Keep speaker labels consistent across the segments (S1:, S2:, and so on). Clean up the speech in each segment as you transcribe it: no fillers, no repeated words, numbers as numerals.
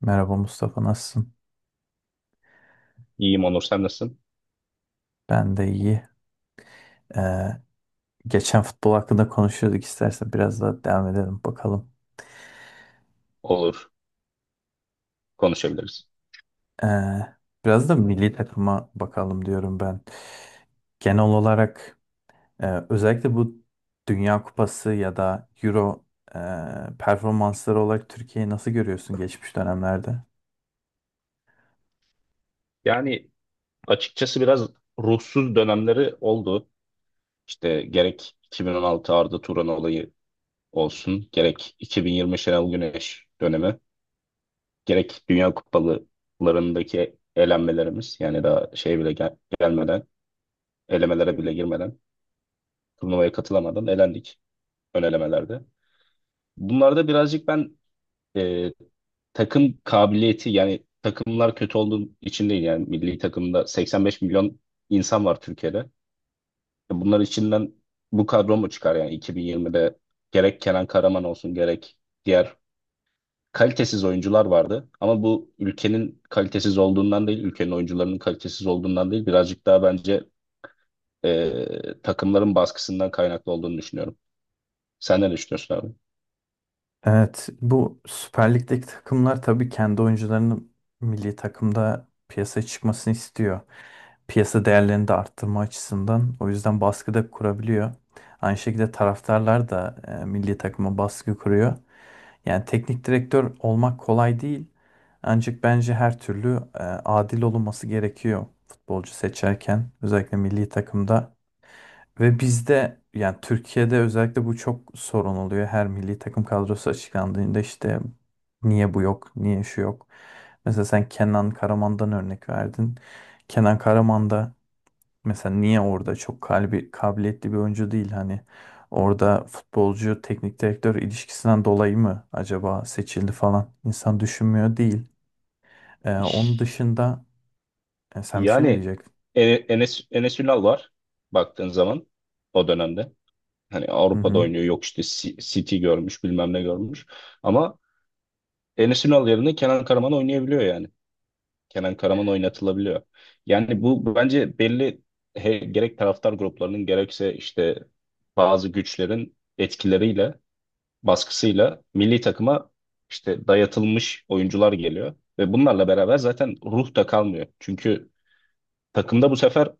S1: Merhaba Mustafa, nasılsın?
S2: İyiyim Onur, sen nasılsın?
S1: Ben de iyi. Ee, Geçen futbol hakkında konuşuyorduk, istersen biraz daha devam edelim bakalım.
S2: Olur, konuşabiliriz.
S1: Ee, Biraz da milli takıma bakalım diyorum ben. Genel olarak özellikle bu Dünya Kupası ya da Euro performansları olarak Türkiye'yi nasıl görüyorsun geçmiş dönemlerde?
S2: Yani açıkçası biraz ruhsuz dönemleri oldu. İşte gerek 2016 Arda Turan olayı olsun, gerek 2020 Şenol Güneş dönemi, gerek Dünya Kupalarındaki elenmelerimiz, yani daha şey bile gelmeden, elemelere bile girmeden, turnuvaya katılamadan elendik ön elemelerde. Bunlarda birazcık ben takım kabiliyeti yani takımlar kötü olduğu için değil, yani milli takımda 85 milyon insan var Türkiye'de. Bunlar içinden bu kadro mu çıkar yani? 2020'de gerek Kenan Karaman olsun, gerek diğer kalitesiz oyuncular vardı. Ama bu ülkenin kalitesiz olduğundan değil, ülkenin oyuncularının kalitesiz olduğundan değil, birazcık daha bence takımların baskısından kaynaklı olduğunu düşünüyorum. Sen ne düşünüyorsun abi?
S1: Evet, bu Süper Lig'deki takımlar tabii kendi oyuncularının milli takımda piyasaya çıkmasını istiyor, piyasa değerlerini de arttırma açısından. O yüzden baskı da kurabiliyor. Aynı şekilde taraftarlar da milli takıma baskı kuruyor. Yani teknik direktör olmak kolay değil. Ancak bence her türlü adil olunması gerekiyor futbolcu seçerken. Özellikle milli takımda. Ve bizde, yani Türkiye'de özellikle bu çok sorun oluyor. Her milli takım kadrosu açıklandığında işte niye bu yok, niye şu yok. Mesela sen Kenan Karaman'dan örnek verdin. Kenan Karaman da mesela niye orada çok kalbi, kabiliyetli bir oyuncu değil, hani orada futbolcu teknik direktör ilişkisinden dolayı mı acaba seçildi falan insan düşünmüyor değil. Onun dışında, sen bir şey mi
S2: Yani
S1: diyecektin?
S2: Enes Ünal var baktığın zaman o dönemde. Hani
S1: Hı
S2: Avrupa'da
S1: hı.
S2: oynuyor, yok işte City görmüş, bilmem ne görmüş. Ama Enes Ünal yerine Kenan Karaman oynayabiliyor yani. Kenan Karaman oynatılabiliyor. Yani bu bence belli, gerek taraftar gruplarının gerekse işte bazı güçlerin etkileriyle, baskısıyla milli takıma işte dayatılmış oyuncular geliyor. Ve bunlarla beraber zaten ruh da kalmıyor. Çünkü takımda bu sefer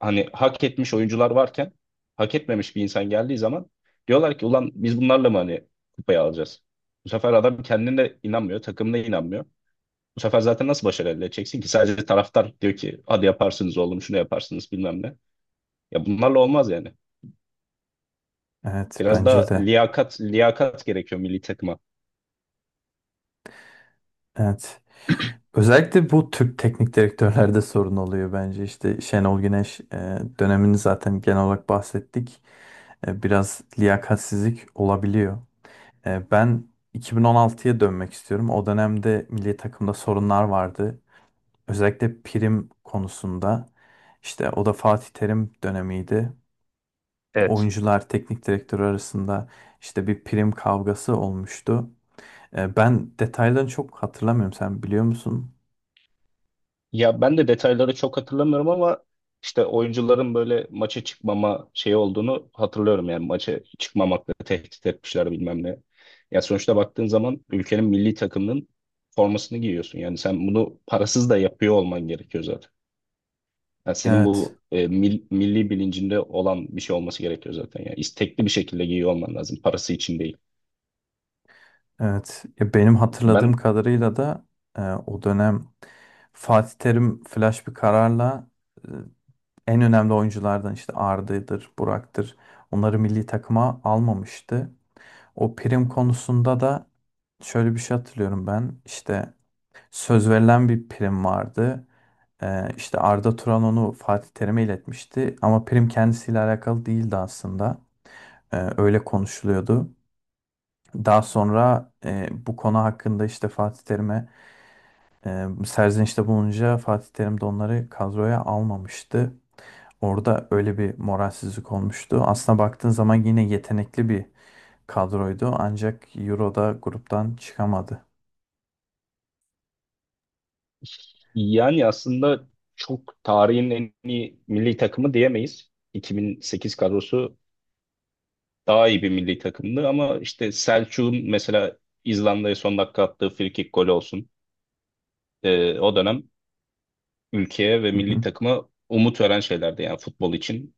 S2: hani hak etmiş oyuncular varken hak etmemiş bir insan geldiği zaman diyorlar ki ulan biz bunlarla mı hani kupayı alacağız? Bu sefer adam kendine inanmıyor, takımına inanmıyor. Bu sefer zaten nasıl başarı elde edeceksin ki? Sadece taraftar diyor ki hadi yaparsınız oğlum şunu, yaparsınız bilmem ne. Ya bunlarla olmaz yani.
S1: Evet,
S2: Biraz
S1: bence
S2: daha
S1: de.
S2: liyakat, liyakat gerekiyor milli takıma.
S1: Evet. Özellikle bu Türk teknik direktörlerde sorun oluyor bence. İşte Şenol Güneş dönemini zaten genel olarak bahsettik. Biraz liyakatsizlik olabiliyor. Ben 2016'ya dönmek istiyorum. O dönemde milli takımda sorunlar vardı. Özellikle prim konusunda. İşte o da Fatih Terim dönemiydi.
S2: Evet.
S1: Oyuncular, teknik direktör arasında işte bir prim kavgası olmuştu. Ben detaylarını çok hatırlamıyorum. Sen biliyor musun?
S2: Ya ben de detayları çok hatırlamıyorum ama işte oyuncuların böyle maça çıkmama şey olduğunu hatırlıyorum, yani maça çıkmamakla tehdit etmişler bilmem ne. Ya sonuçta baktığın zaman ülkenin milli takımının formasını giyiyorsun. Yani sen bunu parasız da yapıyor olman gerekiyor zaten. Yani senin
S1: Evet,
S2: bu milli bilincinde olan bir şey olması gerekiyor zaten. Yani istekli bir şekilde giyiyor olman lazım. Parası için değil.
S1: evet. Ya benim hatırladığım
S2: Ben
S1: kadarıyla da o dönem Fatih Terim flash bir kararla en önemli oyunculardan işte Arda'dır, Burak'tır. Onları milli takıma almamıştı. O prim konusunda da şöyle bir şey hatırlıyorum ben. İşte söz verilen bir prim vardı. İşte Arda Turan onu Fatih Terim'e iletmişti. Ama prim kendisiyle alakalı değildi aslında. Öyle konuşuluyordu. Daha sonra bu konu hakkında işte Fatih Terim'e serzenişte bulununca Fatih Terim de onları kadroya almamıştı. Orada öyle bir moralsizlik olmuştu. Aslına baktığın zaman yine yetenekli bir kadroydu. Ancak Euro'da gruptan çıkamadı.
S2: Yani aslında çok tarihin en iyi milli takımı diyemeyiz. 2008 kadrosu daha iyi bir milli takımdı, ama işte Selçuk'un mesela İzlanda'ya son dakika attığı frikik golü olsun. O dönem ülkeye ve
S1: Hı
S2: milli
S1: hı.
S2: takıma umut veren şeylerdi, yani futbol için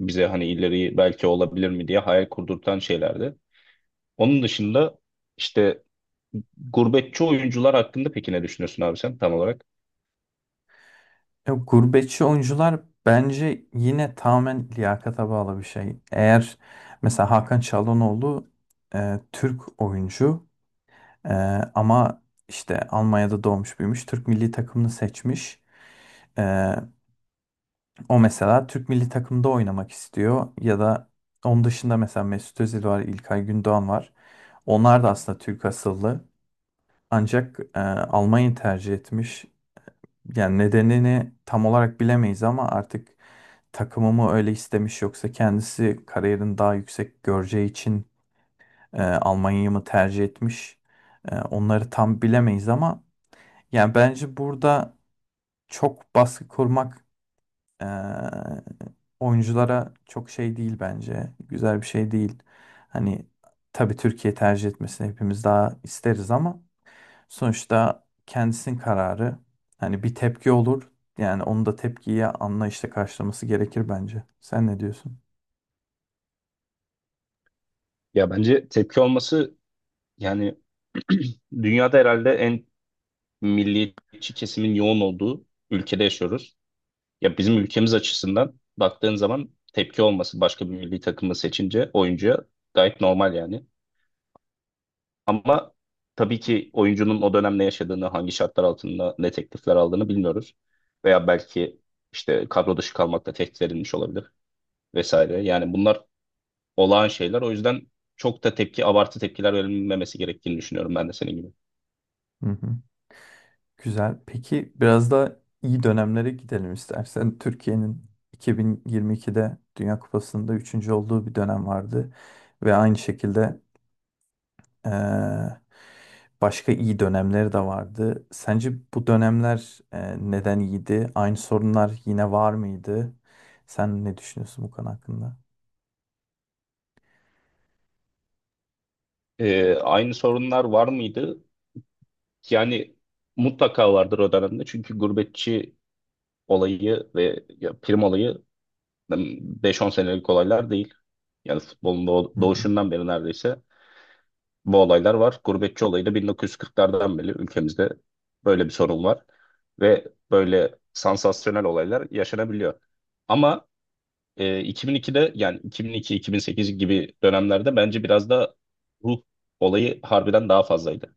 S2: bize hani ileri belki olabilir mi diye hayal kurdurtan şeylerdi. Onun dışında işte gurbetçi oyuncular hakkında peki ne düşünüyorsun abi sen tam olarak?
S1: Gurbetçi oyuncular bence yine tamamen liyakata bağlı bir şey. Eğer mesela Hakan Çalhanoğlu Türk oyuncu, e, ama işte Almanya'da doğmuş büyümüş. Türk milli takımını seçmiş. E, O mesela Türk milli takımda oynamak istiyor. Ya da onun dışında mesela Mesut Özil var, İlkay Gündoğan var. Onlar da aslında Türk asıllı. Ancak Almanya'yı tercih etmiş. Yani nedenini tam olarak bilemeyiz ama artık takımı mı öyle istemiş, yoksa kendisi kariyerini daha yüksek göreceği için Almanya'yı mı tercih etmiş? Onları tam bilemeyiz ama yani bence burada çok baskı kurmak e, oyunculara çok şey değil bence. Güzel bir şey değil. Hani tabii Türkiye tercih etmesini hepimiz daha isteriz ama sonuçta kendisinin kararı. Hani bir tepki olur. Yani onu da tepkiye anlayışla karşılaması gerekir bence. Sen ne diyorsun?
S2: Ya bence tepki olması, yani dünyada herhalde en milliyetçi kesimin yoğun olduğu ülkede yaşıyoruz. Ya bizim ülkemiz açısından baktığın zaman tepki olması başka bir milli takımı seçince oyuncuya gayet normal yani. Ama tabii ki oyuncunun o dönem ne yaşadığını, hangi şartlar altında ne teklifler aldığını bilmiyoruz. Veya belki işte kadro dışı kalmakla tehdit edilmiş olabilir vesaire. Yani bunlar olağan şeyler. O yüzden çok da tepki, abartı tepkiler verilmemesi gerektiğini düşünüyorum ben de senin gibi.
S1: Hı hı. Güzel. Peki biraz da iyi dönemlere gidelim istersen. Türkiye'nin 2022'de Dünya Kupası'nda üçüncü olduğu bir dönem vardı. Ve aynı şekilde, eee, başka iyi dönemleri de vardı. Sence bu dönemler neden iyiydi? Aynı sorunlar yine var mıydı? Sen ne düşünüyorsun bu konu hakkında?
S2: Aynı sorunlar var mıydı? Yani mutlaka vardır o dönemde. Çünkü gurbetçi olayı ve ya prim olayı beş on senelik olaylar değil. Yani futbolun doğuşundan beri neredeyse bu olaylar var. Gurbetçi olayı da 1940'lardan beri ülkemizde böyle bir sorun var. Ve böyle sansasyonel olaylar yaşanabiliyor. Ama 2002'de, yani 2002-2008 gibi dönemlerde bence biraz da ruh olayı harbiden daha fazlaydı.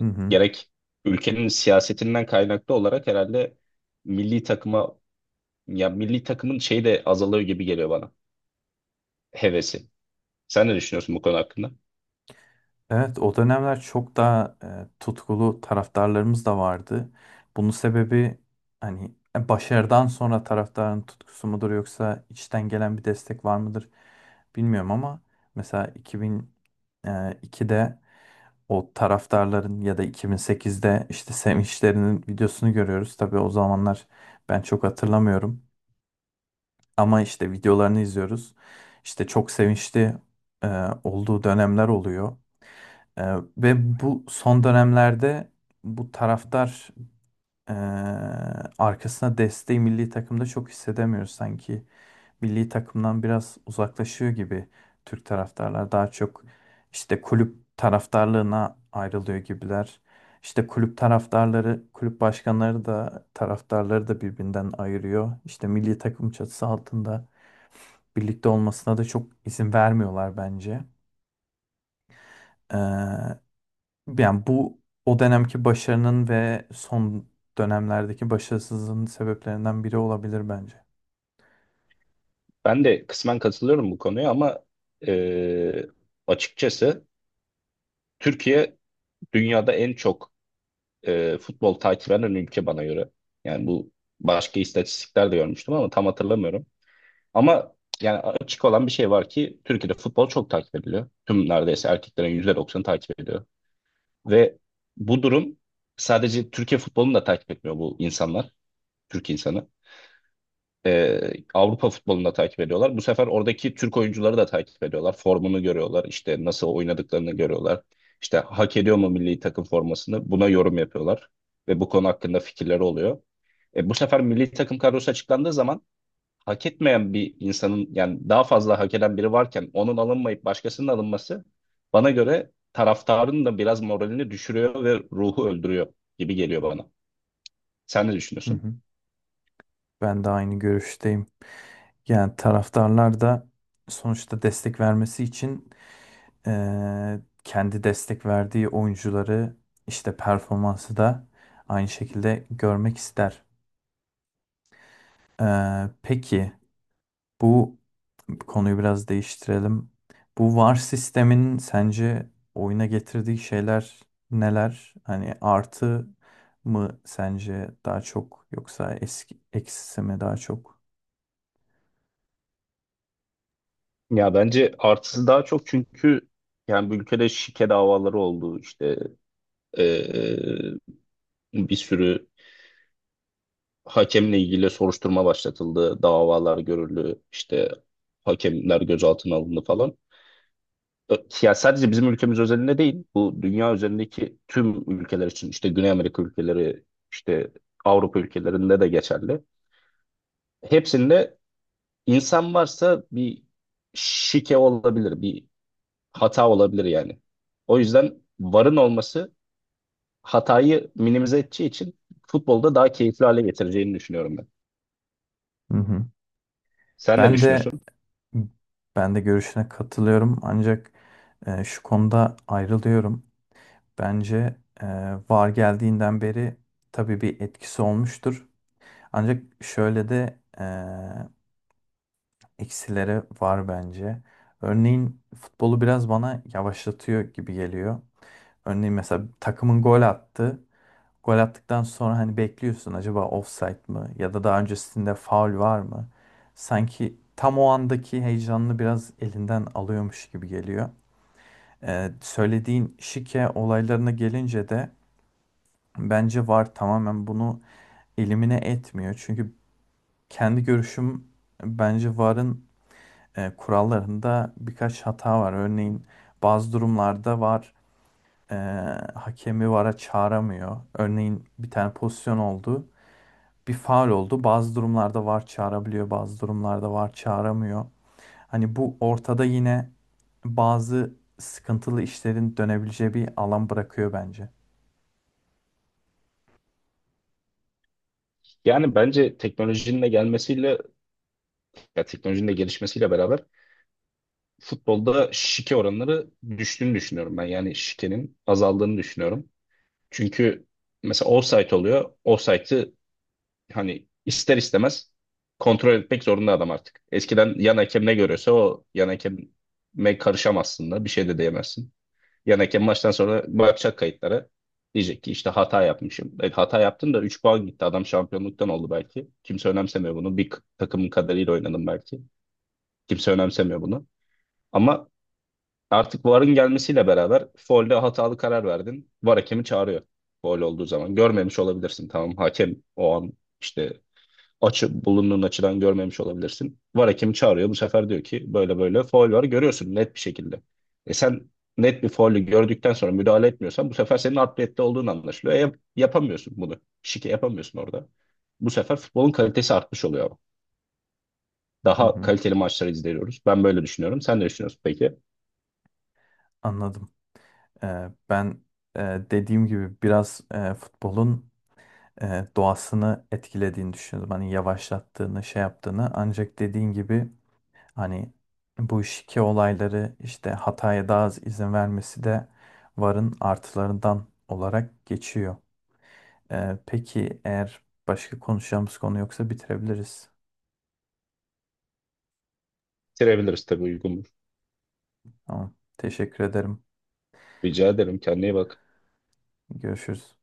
S1: Hı hı.
S2: gerek ülkenin siyasetinden kaynaklı olarak herhalde milli takıma. Ya milli takımın şeyi de azalıyor gibi geliyor bana. Hevesi. Sen ne düşünüyorsun bu konu hakkında?
S1: Evet, o dönemler çok daha tutkulu taraftarlarımız da vardı. Bunun sebebi hani başarıdan sonra taraftarın tutkusu mudur, yoksa içten gelen bir destek var mıdır bilmiyorum ama mesela 2002'de o taraftarların ya da 2008'de işte sevinçlerinin videosunu görüyoruz. Tabii o zamanlar ben çok hatırlamıyorum ama işte videolarını izliyoruz. İşte çok sevinçli e, olduğu dönemler oluyor. Ve bu son dönemlerde bu taraftar ee, arkasına desteği milli takımda çok hissedemiyor sanki. Milli takımdan biraz uzaklaşıyor gibi, Türk taraftarlar daha çok işte kulüp taraftarlığına ayrılıyor gibiler. İşte kulüp taraftarları, kulüp başkanları da taraftarları da birbirinden ayırıyor. İşte milli takım çatısı altında birlikte olmasına da çok izin vermiyorlar bence. Ee, Yani bu o dönemki başarının ve son dönemlerdeki başarısızlığın sebeplerinden biri olabilir bence.
S2: Ben de kısmen katılıyorum bu konuya, ama e, açıkçası Türkiye dünyada en çok futbol takip eden ülke bana göre. Yani bu, başka istatistikler de görmüştüm ama tam hatırlamıyorum. Ama yani açık olan bir şey var ki Türkiye'de futbol çok takip ediliyor. Tüm neredeyse erkeklerin %90'ı takip ediyor. Ve bu durum, sadece Türkiye futbolunu da takip etmiyor bu insanlar. Türk insanı. e, Avrupa futbolunu da takip ediyorlar. Bu sefer oradaki Türk oyuncuları da takip ediyorlar. Formunu görüyorlar. İşte nasıl oynadıklarını görüyorlar. İşte hak ediyor mu milli takım formasını? Buna yorum yapıyorlar. Ve bu konu hakkında fikirleri oluyor. Bu sefer milli takım kadrosu açıklandığı zaman hak etmeyen bir insanın, yani daha fazla hak eden biri varken onun alınmayıp başkasının alınması bana göre taraftarın da biraz moralini düşürüyor ve ruhu öldürüyor gibi geliyor bana. Sen ne
S1: Hı
S2: düşünüyorsun?
S1: hı. Ben de aynı görüşteyim. Yani taraftarlar da sonuçta destek vermesi için, kendi destek verdiği oyuncuları işte performansı da aynı şekilde görmek ister. Peki bu, konuyu biraz değiştirelim. Bu VAR sistemin sence oyuna getirdiği şeyler neler? Hani artı mı sence daha çok, yoksa eski eksisi mi daha çok?
S2: Ya bence artısı daha çok, çünkü yani bu ülkede şike davaları oldu, işte eee, bir sürü hakemle ilgili soruşturma başlatıldı, davalar görüldü, işte hakemler gözaltına alındı falan. Ö- Ya sadece bizim ülkemiz özelinde değil, bu dünya üzerindeki tüm ülkeler için, işte Güney Amerika ülkeleri, işte Avrupa ülkelerinde de geçerli. Hepsinde insan varsa bir şike olabilir, bir hata olabilir yani. O yüzden VAR'ın olması hatayı minimize edeceği için futbolda daha keyifli hale getireceğini düşünüyorum ben.
S1: Hı hı.
S2: Sen ne
S1: Ben de
S2: düşünüyorsun?
S1: Ben de görüşüne katılıyorum ancak şu konuda ayrılıyorum. Bence e, VAR geldiğinden beri tabii bir etkisi olmuştur. Ancak şöyle de eksileri var bence. Örneğin futbolu biraz bana yavaşlatıyor gibi geliyor. Örneğin mesela takımın gol attı. Gol attıktan sonra hani bekliyorsun, acaba offside mı ya da daha öncesinde faul var mı? Sanki tam o andaki heyecanını biraz elinden alıyormuş gibi geliyor. Söylediğin şike olaylarına gelince de bence VAR tamamen bunu elimine etmiyor. Çünkü kendi görüşüm, bence VAR'ın kurallarında birkaç hata var. Örneğin bazı durumlarda VAR e, hakemi VAR'a çağıramıyor. Örneğin bir tane pozisyon oldu, bir faul oldu. Bazı durumlarda VAR çağırabiliyor, bazı durumlarda VAR çağıramıyor. Hani bu ortada yine bazı sıkıntılı işlerin dönebileceği bir alan bırakıyor bence.
S2: Yani bence teknolojinin de gelmesiyle, ya teknolojinin de gelişmesiyle beraber futbolda şike oranları düştüğünü düşünüyorum ben. Yani şikenin azaldığını düşünüyorum. Çünkü mesela offside oluyor. Offside'ı hani ister istemez kontrol etmek zorunda adam artık. Eskiden yan hakem ne görüyorsa, o yan hakem'e karışamazsın da bir şey de diyemezsin. Yani hakem maçtan sonra bakacak kayıtlara. Diyecek ki işte hata yapmışım. Hata yaptın da 3 puan gitti. Adam şampiyonluktan oldu belki. Kimse önemsemiyor bunu. Bir takımın kadarıyla oynadım belki. Kimse önemsemiyor bunu. Ama artık VAR'ın gelmesiyle beraber faulde hatalı karar verdin. VAR hakemi çağırıyor. Faul olduğu zaman. Görmemiş olabilirsin. Tamam, hakem o an işte açı, bulunduğun açıdan görmemiş olabilirsin. VAR hakemi çağırıyor. Bu sefer diyor ki böyle böyle faul var, görüyorsun net bir şekilde. Sen net bir faulü gördükten sonra müdahale etmiyorsan bu sefer senin adliyette olduğun anlaşılıyor. Yapamıyorsun bunu. Şike yapamıyorsun orada. Bu sefer futbolun kalitesi artmış oluyor ama.
S1: Hı
S2: Daha
S1: hı,
S2: kaliteli maçları izliyoruz. Ben böyle düşünüyorum. Sen ne düşünüyorsun peki?
S1: anladım. Ben, e, dediğim gibi biraz futbolun doğasını etkilediğini düşünüyordum. Hani yavaşlattığını, şey yaptığını. Ancak dediğin gibi hani bu şike olayları işte hataya daha az izin vermesi de VAR'ın artılarından olarak geçiyor. Peki eğer başka konuşacağımız konu yoksa bitirebiliriz.
S2: Bitirebiliriz tabii, uygun.
S1: Tamam. Teşekkür ederim.
S2: Rica ederim. Kendine iyi bak.
S1: Görüşürüz.